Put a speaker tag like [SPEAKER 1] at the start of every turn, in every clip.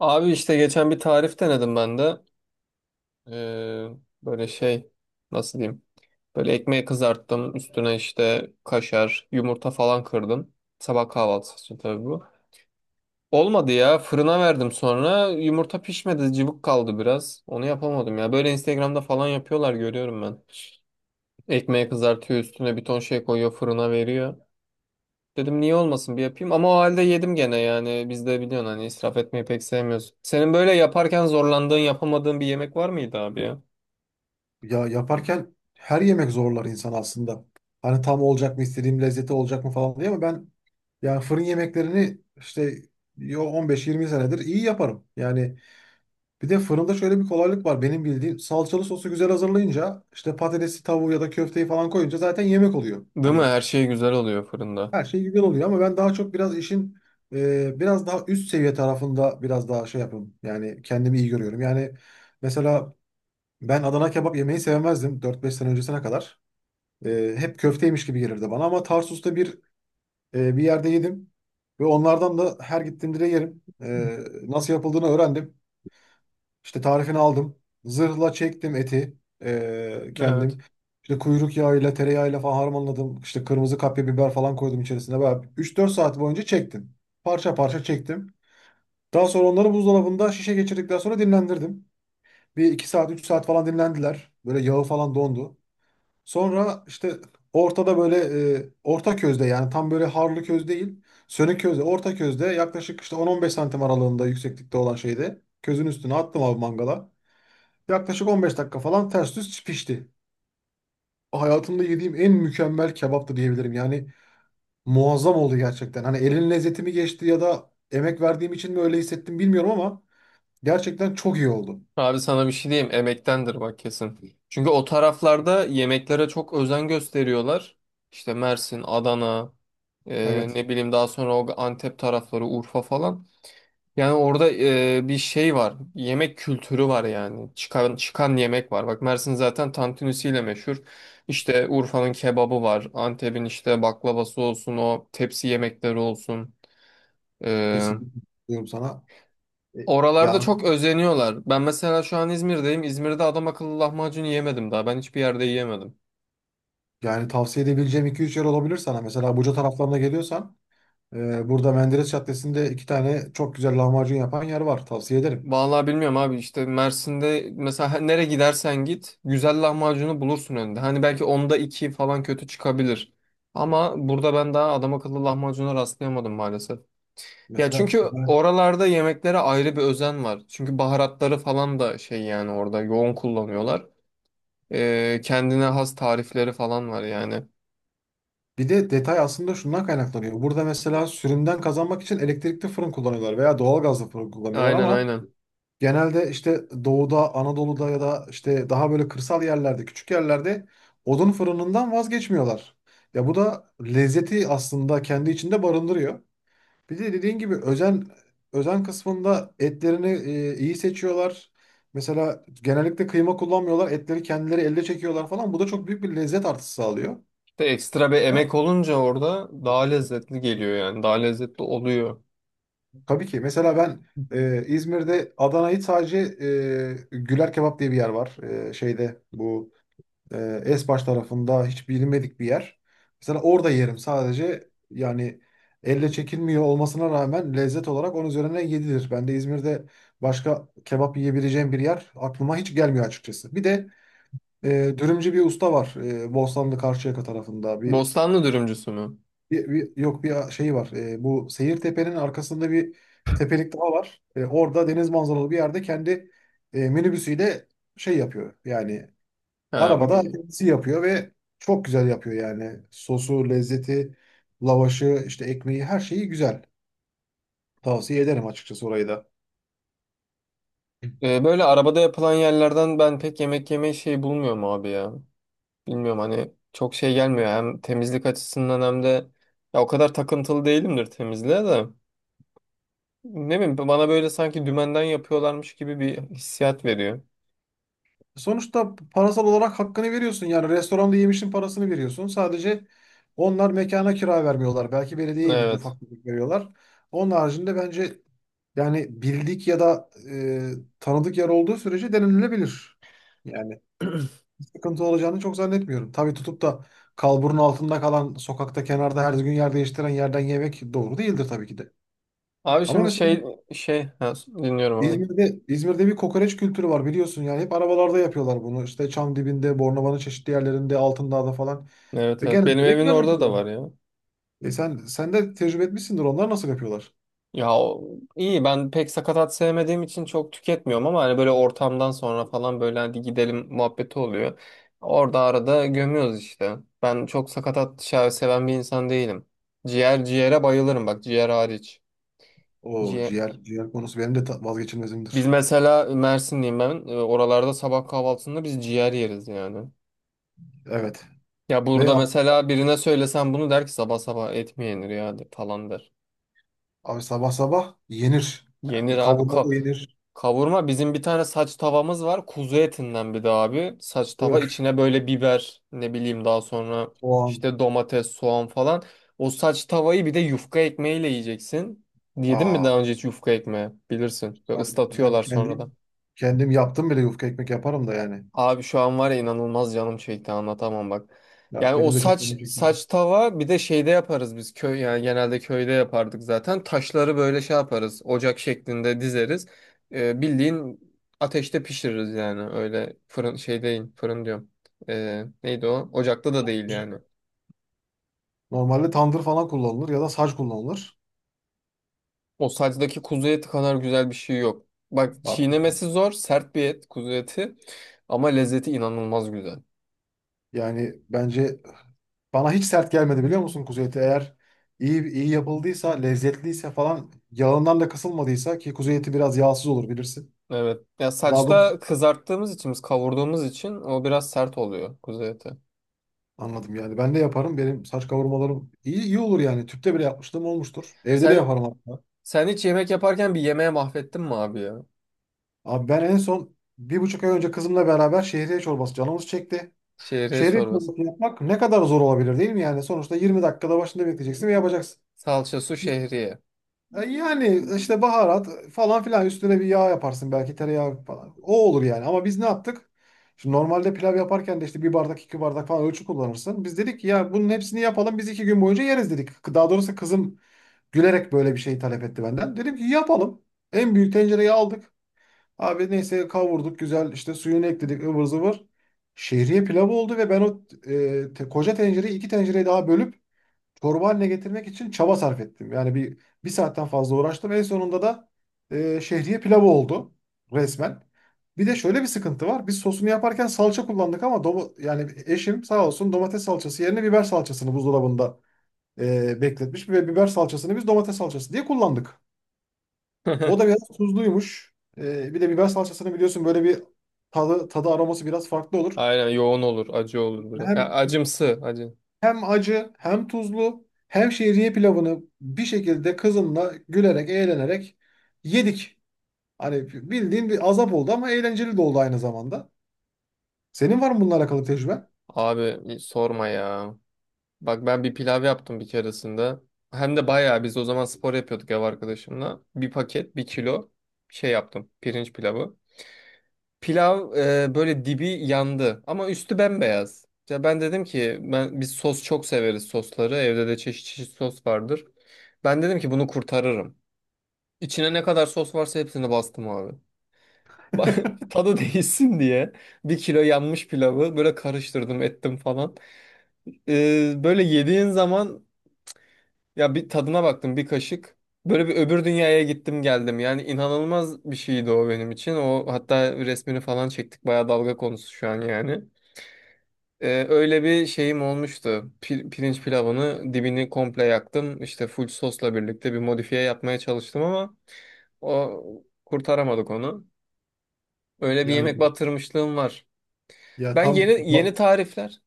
[SPEAKER 1] Abi işte geçen bir tarif denedim ben de. Ee, böyle şey nasıl diyeyim? Böyle ekmeği kızarttım. Üstüne işte kaşar, yumurta falan kırdım. Sabah kahvaltısı için tabii bu. Olmadı ya. Fırına verdim sonra. Yumurta pişmedi. Cıvık kaldı biraz. Onu yapamadım ya. Böyle Instagram'da falan yapıyorlar görüyorum ben. Ekmeği kızartıyor üstüne bir ton şey koyuyor fırına veriyor. Dedim niye olmasın bir yapayım ama o halde yedim gene yani biz de biliyorsun hani israf etmeyi pek sevmiyoruz. Senin böyle yaparken zorlandığın yapamadığın bir yemek var mıydı abi ya?
[SPEAKER 2] Ya yaparken her yemek zorlar insan aslında. Hani tam olacak mı istediğim lezzeti olacak mı falan diye ama ben yani fırın yemeklerini işte 15-20 senedir iyi yaparım. Yani bir de fırında şöyle bir kolaylık var benim bildiğim salçalı sosu güzel hazırlayınca işte patatesi tavuğu ya da köfteyi falan koyunca zaten yemek oluyor.
[SPEAKER 1] Değil mi?
[SPEAKER 2] Hani
[SPEAKER 1] Her şey güzel oluyor fırında.
[SPEAKER 2] her şey güzel oluyor ama ben daha çok biraz işin biraz daha üst seviye tarafında biraz daha şey yapıyorum. Yani kendimi iyi görüyorum. Yani mesela ben Adana kebap yemeyi sevmezdim 4-5 sene öncesine kadar. Hep köfteymiş gibi gelirdi bana ama Tarsus'ta bir yerde yedim ve onlardan da her gittiğimde de yerim. Nasıl yapıldığını öğrendim. İşte tarifini aldım. Zırhla çektim eti,
[SPEAKER 1] Evet.
[SPEAKER 2] kendim. İşte kuyruk yağıyla, tereyağıyla falan harmanladım. İşte kırmızı kapya biber falan koydum içerisine. Böyle üç dört saat boyunca çektim. Parça parça çektim. Daha sonra onları buzdolabında şişe geçirdikten sonra dinlendirdim. Bir 2 saat, 3 saat falan dinlendiler. Böyle yağı falan dondu. Sonra işte ortada böyle orta közde yani tam böyle harlı köz değil. Sönük közde, orta közde yaklaşık işte 10-15 santim aralığında yükseklikte olan şeyde közün üstüne attım abi mangala. Yaklaşık 15 dakika falan ters düz pişti. Hayatımda yediğim en mükemmel kebaptı diyebilirim. Yani muazzam oldu gerçekten. Hani elin lezzeti mi geçti ya da emek verdiğim için mi öyle hissettim bilmiyorum ama gerçekten çok iyi oldu.
[SPEAKER 1] Abi sana bir şey diyeyim emektendir bak kesin. Çünkü o taraflarda yemeklere çok özen gösteriyorlar. İşte Mersin, Adana,
[SPEAKER 2] Evet,
[SPEAKER 1] ne bileyim daha sonra o Antep tarafları, Urfa falan. Yani orada bir şey var. Yemek kültürü var yani. Çıkan çıkan yemek var. Bak Mersin zaten tantunisiyle meşhur. İşte Urfa'nın kebabı var. Antep'in işte baklavası olsun, o tepsi yemekleri olsun. E,
[SPEAKER 2] kesinlikle diyorum sana. E,
[SPEAKER 1] oralarda
[SPEAKER 2] Ya
[SPEAKER 1] çok özeniyorlar. Ben mesela şu an İzmir'deyim. İzmir'de adam akıllı lahmacun yiyemedim daha. Ben hiçbir yerde yiyemedim.
[SPEAKER 2] Yani tavsiye edebileceğim iki üç yer olabilir sana. Mesela Buca taraflarına geliyorsan burada Menderes Caddesi'nde iki tane çok güzel lahmacun yapan yer var. Tavsiye ederim.
[SPEAKER 1] Vallahi bilmiyorum abi işte Mersin'de mesela nereye gidersen git güzel lahmacunu bulursun önünde. Hani belki onda iki falan kötü çıkabilir. Ama burada ben daha adam akıllı lahmacuna rastlayamadım maalesef. Ya
[SPEAKER 2] Mesela
[SPEAKER 1] çünkü
[SPEAKER 2] ben-
[SPEAKER 1] oralarda yemeklere ayrı bir özen var. Çünkü baharatları falan da şey yani orada yoğun kullanıyorlar. Kendine has tarifleri falan var yani.
[SPEAKER 2] Bir de detay aslında şundan kaynaklanıyor. Burada mesela sürümden kazanmak için elektrikli fırın kullanıyorlar veya doğalgazlı fırın kullanıyorlar
[SPEAKER 1] Aynen
[SPEAKER 2] ama
[SPEAKER 1] aynen.
[SPEAKER 2] genelde işte doğuda, Anadolu'da ya da işte daha böyle kırsal yerlerde, küçük yerlerde odun fırınından vazgeçmiyorlar. Ya bu da lezzeti aslında kendi içinde barındırıyor. Bir de dediğin gibi özen kısmında etlerini, iyi seçiyorlar. Mesela genellikle kıyma kullanmıyorlar. Etleri kendileri elde çekiyorlar falan. Bu da çok büyük bir lezzet artısı sağlıyor.
[SPEAKER 1] De ekstra bir emek olunca orada daha lezzetli geliyor yani. Daha lezzetli oluyor.
[SPEAKER 2] Tabii ki. Mesela ben İzmir'de Adana'yı sadece Güler Kebap diye bir yer var. Şeyde bu Esbaş tarafında hiç bilinmedik bir yer. Mesela orada yerim sadece yani elle çekilmiyor olmasına rağmen lezzet olarak onun üzerine yedilir. Ben de İzmir'de başka kebap yiyebileceğim bir yer aklıma hiç gelmiyor açıkçası. Bir de e, dürümcü bir usta var, Bostanlı Karşıyaka tarafında
[SPEAKER 1] Bostanlı dürümcüsü mü?
[SPEAKER 2] yok bir şey var. Bu Seyirtepe'nin arkasında bir tepelik daha var. Orada deniz manzaralı bir yerde kendi minibüsüyle şey yapıyor yani.
[SPEAKER 1] Ha.
[SPEAKER 2] Arabada kendisi yapıyor ve çok güzel yapıyor yani. Sosu, lezzeti, lavaşı, işte ekmeği her şeyi güzel. Tavsiye ederim açıkçası orayı da. Hı.
[SPEAKER 1] Böyle arabada yapılan yerlerden ben pek yemek yemeyi şey bulmuyorum abi ya. Bilmiyorum hani çok şey gelmiyor. Hem temizlik açısından hem de ya o kadar takıntılı değilimdir temizliğe de. Ne bileyim bana böyle sanki dümenden yapıyorlarmış gibi bir hissiyat veriyor.
[SPEAKER 2] Sonuçta parasal olarak hakkını veriyorsun. Yani restoranda yemişin parasını veriyorsun. Sadece onlar mekana kira vermiyorlar. Belki belediyeye bir
[SPEAKER 1] Evet.
[SPEAKER 2] ufak bir veriyorlar. Onun haricinde bence yani bildik ya da tanıdık yer olduğu sürece denenilebilir. Yani sıkıntı olacağını çok zannetmiyorum. Tabii tutup da kalburun altında kalan sokakta kenarda her gün yer değiştiren yerden yemek doğru değildir tabii ki de.
[SPEAKER 1] Abi
[SPEAKER 2] Ama
[SPEAKER 1] şimdi
[SPEAKER 2] mesela
[SPEAKER 1] şey ha, dinliyorum abi.
[SPEAKER 2] İzmir'de bir kokoreç kültürü var biliyorsun yani hep arabalarda yapıyorlar bunu işte çam dibinde, Bornova'nın çeşitli yerlerinde, Altındağ'da falan
[SPEAKER 1] Evet,
[SPEAKER 2] ve
[SPEAKER 1] evet, benim
[SPEAKER 2] genelde de
[SPEAKER 1] evin
[SPEAKER 2] güzel
[SPEAKER 1] orada da
[SPEAKER 2] yapıyorlar.
[SPEAKER 1] var ya.
[SPEAKER 2] Sen de tecrübe etmişsindir onlar nasıl yapıyorlar?
[SPEAKER 1] Ya o- iyi ben pek sakatat sevmediğim için çok tüketmiyorum ama hani böyle ortamdan sonra falan böyle hadi gidelim muhabbeti oluyor. Orada arada gömüyoruz işte. Ben çok sakatat şahı seven bir insan değilim. Ciğer ciğere bayılırım bak ciğer hariç.
[SPEAKER 2] O
[SPEAKER 1] Ciğer.
[SPEAKER 2] ciğer ciğer konusu benim de
[SPEAKER 1] Biz
[SPEAKER 2] vazgeçilmezimdir.
[SPEAKER 1] mesela Mersinliyim ben. E, oralarda sabah kahvaltısında biz ciğer yeriz yani.
[SPEAKER 2] Evet
[SPEAKER 1] Ya
[SPEAKER 2] ve
[SPEAKER 1] burada mesela birine söylesen bunu der ki sabah sabah et mi yenir ya falan der.
[SPEAKER 2] abi sabah sabah yenir,
[SPEAKER 1] Yenir
[SPEAKER 2] yani
[SPEAKER 1] abi.
[SPEAKER 2] kavurma da yenir
[SPEAKER 1] Kavurma bizim bir tane saç tavamız var. Kuzu etinden bir de abi. Saç tava
[SPEAKER 2] böyle
[SPEAKER 1] içine böyle biber ne bileyim daha sonra
[SPEAKER 2] soğan.
[SPEAKER 1] işte domates, soğan falan. O saç tavayı bir de yufka ekmeğiyle yiyeceksin. Yedin mi
[SPEAKER 2] aa
[SPEAKER 1] daha önce hiç yufka ekmeği? Bilirsin. Ve
[SPEAKER 2] ben, ben
[SPEAKER 1] ıslatıyorlar sonradan.
[SPEAKER 2] kendim yaptım bile, yufka ekmek yaparım da yani.
[SPEAKER 1] Abi şu an var ya inanılmaz canım çekti anlatamam bak. Yani
[SPEAKER 2] Ya
[SPEAKER 1] o
[SPEAKER 2] benim de çok
[SPEAKER 1] saç
[SPEAKER 2] canım çekti.
[SPEAKER 1] saç tava bir de şeyde yaparız biz köy yani genelde köyde yapardık zaten. Taşları böyle şey yaparız ocak şeklinde dizeriz. Bildiğin ateşte pişiririz yani öyle fırın şey değil fırın diyorum. Neydi o? Ocakta da değil yani.
[SPEAKER 2] Normalde tandır falan kullanılır ya da saç kullanılır.
[SPEAKER 1] O saçtaki kuzu eti kadar güzel bir şey yok. Bak
[SPEAKER 2] Abi.
[SPEAKER 1] çiğnemesi zor sert bir et kuzu eti ama lezzeti inanılmaz güzel.
[SPEAKER 2] Yani bence bana hiç sert gelmedi biliyor musun kuzu eti? Eğer iyi iyi yapıldıysa, lezzetliyse falan yağından da kısılmadıysa ki kuzu eti biraz yağsız olur bilirsin.
[SPEAKER 1] Evet. Ya
[SPEAKER 2] Daha doğrusu
[SPEAKER 1] saçta kızarttığımız için, biz kavurduğumuz için o biraz sert oluyor kuzu eti.
[SPEAKER 2] anladım yani. Ben de yaparım. Benim saç kavurmalarım iyi iyi olur yani. Tüpte bile yapmışlığım olmuştur. Evde de
[SPEAKER 1] Sen
[SPEAKER 2] yaparım hatta.
[SPEAKER 1] sen hiç yemek yaparken bir yemeğe mahvettin mi abi ya?
[SPEAKER 2] Abi ben en son 1,5 ay önce kızımla beraber şehriye çorbası canımız çekti.
[SPEAKER 1] Şehriye
[SPEAKER 2] Şehriye
[SPEAKER 1] çorbası.
[SPEAKER 2] çorbası yapmak ne kadar zor olabilir değil mi yani? Sonuçta 20 dakikada başında bekleyeceksin ve yapacaksın.
[SPEAKER 1] Salça su şehriye.
[SPEAKER 2] Yani işte baharat falan filan üstüne bir yağ yaparsın belki tereyağı falan. O olur yani ama biz ne yaptık? Şimdi normalde pilav yaparken de işte bir bardak iki bardak falan ölçü kullanırsın. Biz dedik ki ya bunun hepsini yapalım biz iki gün boyunca yeriz dedik. Daha doğrusu kızım gülerek böyle bir şey talep etti benden. Dedim ki yapalım. En büyük tencereyi aldık. Abi neyse kavurduk güzel, işte suyunu ekledik, ıvır zıvır. Şehriye pilavı oldu ve ben o koca tencereyi iki tencereye daha bölüp çorba haline getirmek için çaba sarf ettim. Yani bir saatten fazla uğraştım. En sonunda da şehriye pilavı oldu resmen. Bir de şöyle bir sıkıntı var. Biz sosunu yaparken salça kullandık ama yani eşim sağ olsun domates salçası yerine biber salçasını buzdolabında bekletmiş ve biber salçasını biz domates salçası diye kullandık. O da biraz tuzluymuş. Bir de biber salçasını biliyorsun böyle bir tadı, aroması biraz farklı olur.
[SPEAKER 1] Aynen yoğun olur, acı olur biraz. Ya
[SPEAKER 2] Hem
[SPEAKER 1] acımsı, acı.
[SPEAKER 2] Hem acı, hem tuzlu, hem şehriye pilavını bir şekilde kızımla gülerek, eğlenerek yedik. Hani bildiğin bir azap oldu ama eğlenceli de oldu aynı zamanda. Senin var mı bununla alakalı tecrüben?
[SPEAKER 1] Abi sorma ya. Bak ben bir pilav yaptım bir keresinde. Hem de bayağı biz o zaman spor yapıyorduk ev arkadaşımla. Bir paket, bir kilo şey yaptım. Pirinç pilavı. Pilav böyle dibi yandı ama üstü bembeyaz. Ya ben dedim ki ben biz sos çok severiz sosları. Evde de çeşit çeşit sos vardır. Ben dedim ki bunu kurtarırım. İçine ne kadar sos varsa hepsini bastım abi. Tadı değişsin diye bir kilo yanmış pilavı böyle karıştırdım ettim falan. Böyle yediğin zaman ya bir tadına baktım bir kaşık. Böyle bir öbür dünyaya gittim geldim. Yani inanılmaz bir şeydi o benim için. O hatta resmini falan çektik. Bayağı dalga konusu şu an yani. Öyle bir şeyim olmuştu. Pirinç pilavını dibini komple yaktım. İşte full sosla birlikte bir modifiye yapmaya çalıştım ama o kurtaramadık onu. Öyle bir
[SPEAKER 2] Yani
[SPEAKER 1] yemek batırmışlığım var.
[SPEAKER 2] ya
[SPEAKER 1] Ben
[SPEAKER 2] tam
[SPEAKER 1] yeni
[SPEAKER 2] ba-
[SPEAKER 1] yeni tarifler,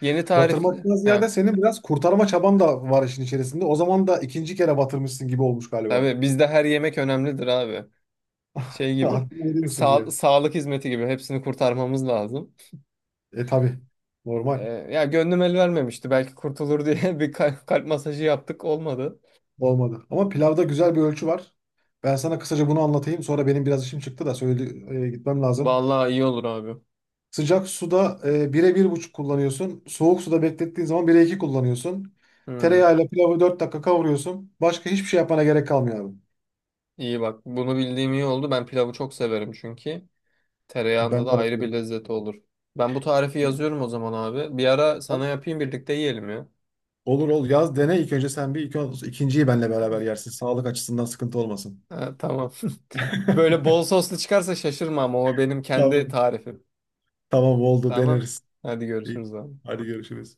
[SPEAKER 1] yeni tarifli.
[SPEAKER 2] batırmaktan
[SPEAKER 1] He,
[SPEAKER 2] ziyade senin biraz kurtarma çaban da var işin içerisinde. O zaman da ikinci kere batırmışsın gibi olmuş galiba.
[SPEAKER 1] tabii bizde her yemek önemlidir abi. Şey gibi.
[SPEAKER 2] Hakkını veriyorsunuz
[SPEAKER 1] Sa
[SPEAKER 2] yani.
[SPEAKER 1] sağlık hizmeti gibi hepsini kurtarmamız lazım.
[SPEAKER 2] E tabii. Normal.
[SPEAKER 1] Ya gönlüm el vermemişti. Belki kurtulur diye bir kalp masajı yaptık olmadı.
[SPEAKER 2] Olmadı. Ama pilavda güzel bir ölçü var. Ben sana kısaca bunu anlatayım. Sonra benim biraz işim çıktı da söyle, gitmem lazım.
[SPEAKER 1] Vallahi iyi olur abi.
[SPEAKER 2] Sıcak suda bire bir buçuk kullanıyorsun. Soğuk suda beklettiğin zaman 1'e 2 kullanıyorsun.
[SPEAKER 1] Hmm.
[SPEAKER 2] Tereyağıyla pilavı 4 dakika kavuruyorsun. Başka hiçbir şey yapmana gerek kalmıyor abi.
[SPEAKER 1] İyi bak bunu bildiğim iyi oldu. Ben pilavı çok severim çünkü.
[SPEAKER 2] Ben
[SPEAKER 1] Tereyağında
[SPEAKER 2] de
[SPEAKER 1] da ayrı bir
[SPEAKER 2] bayılırım.
[SPEAKER 1] lezzeti olur. Ben bu tarifi yazıyorum o zaman abi. Bir ara sana yapayım birlikte yiyelim ya.
[SPEAKER 2] Olur, ol yaz dene, ilk önce sen bir ikinciyi benle beraber yersin. Sağlık açısından sıkıntı olmasın.
[SPEAKER 1] Ha, tamam. Böyle bol soslu çıkarsa şaşırma ama o benim kendi
[SPEAKER 2] Tamam.
[SPEAKER 1] tarifim.
[SPEAKER 2] Tamam oldu,
[SPEAKER 1] Tamam.
[SPEAKER 2] deneriz.
[SPEAKER 1] Hadi
[SPEAKER 2] İyi.
[SPEAKER 1] görüşürüz abi.
[SPEAKER 2] Hadi görüşürüz.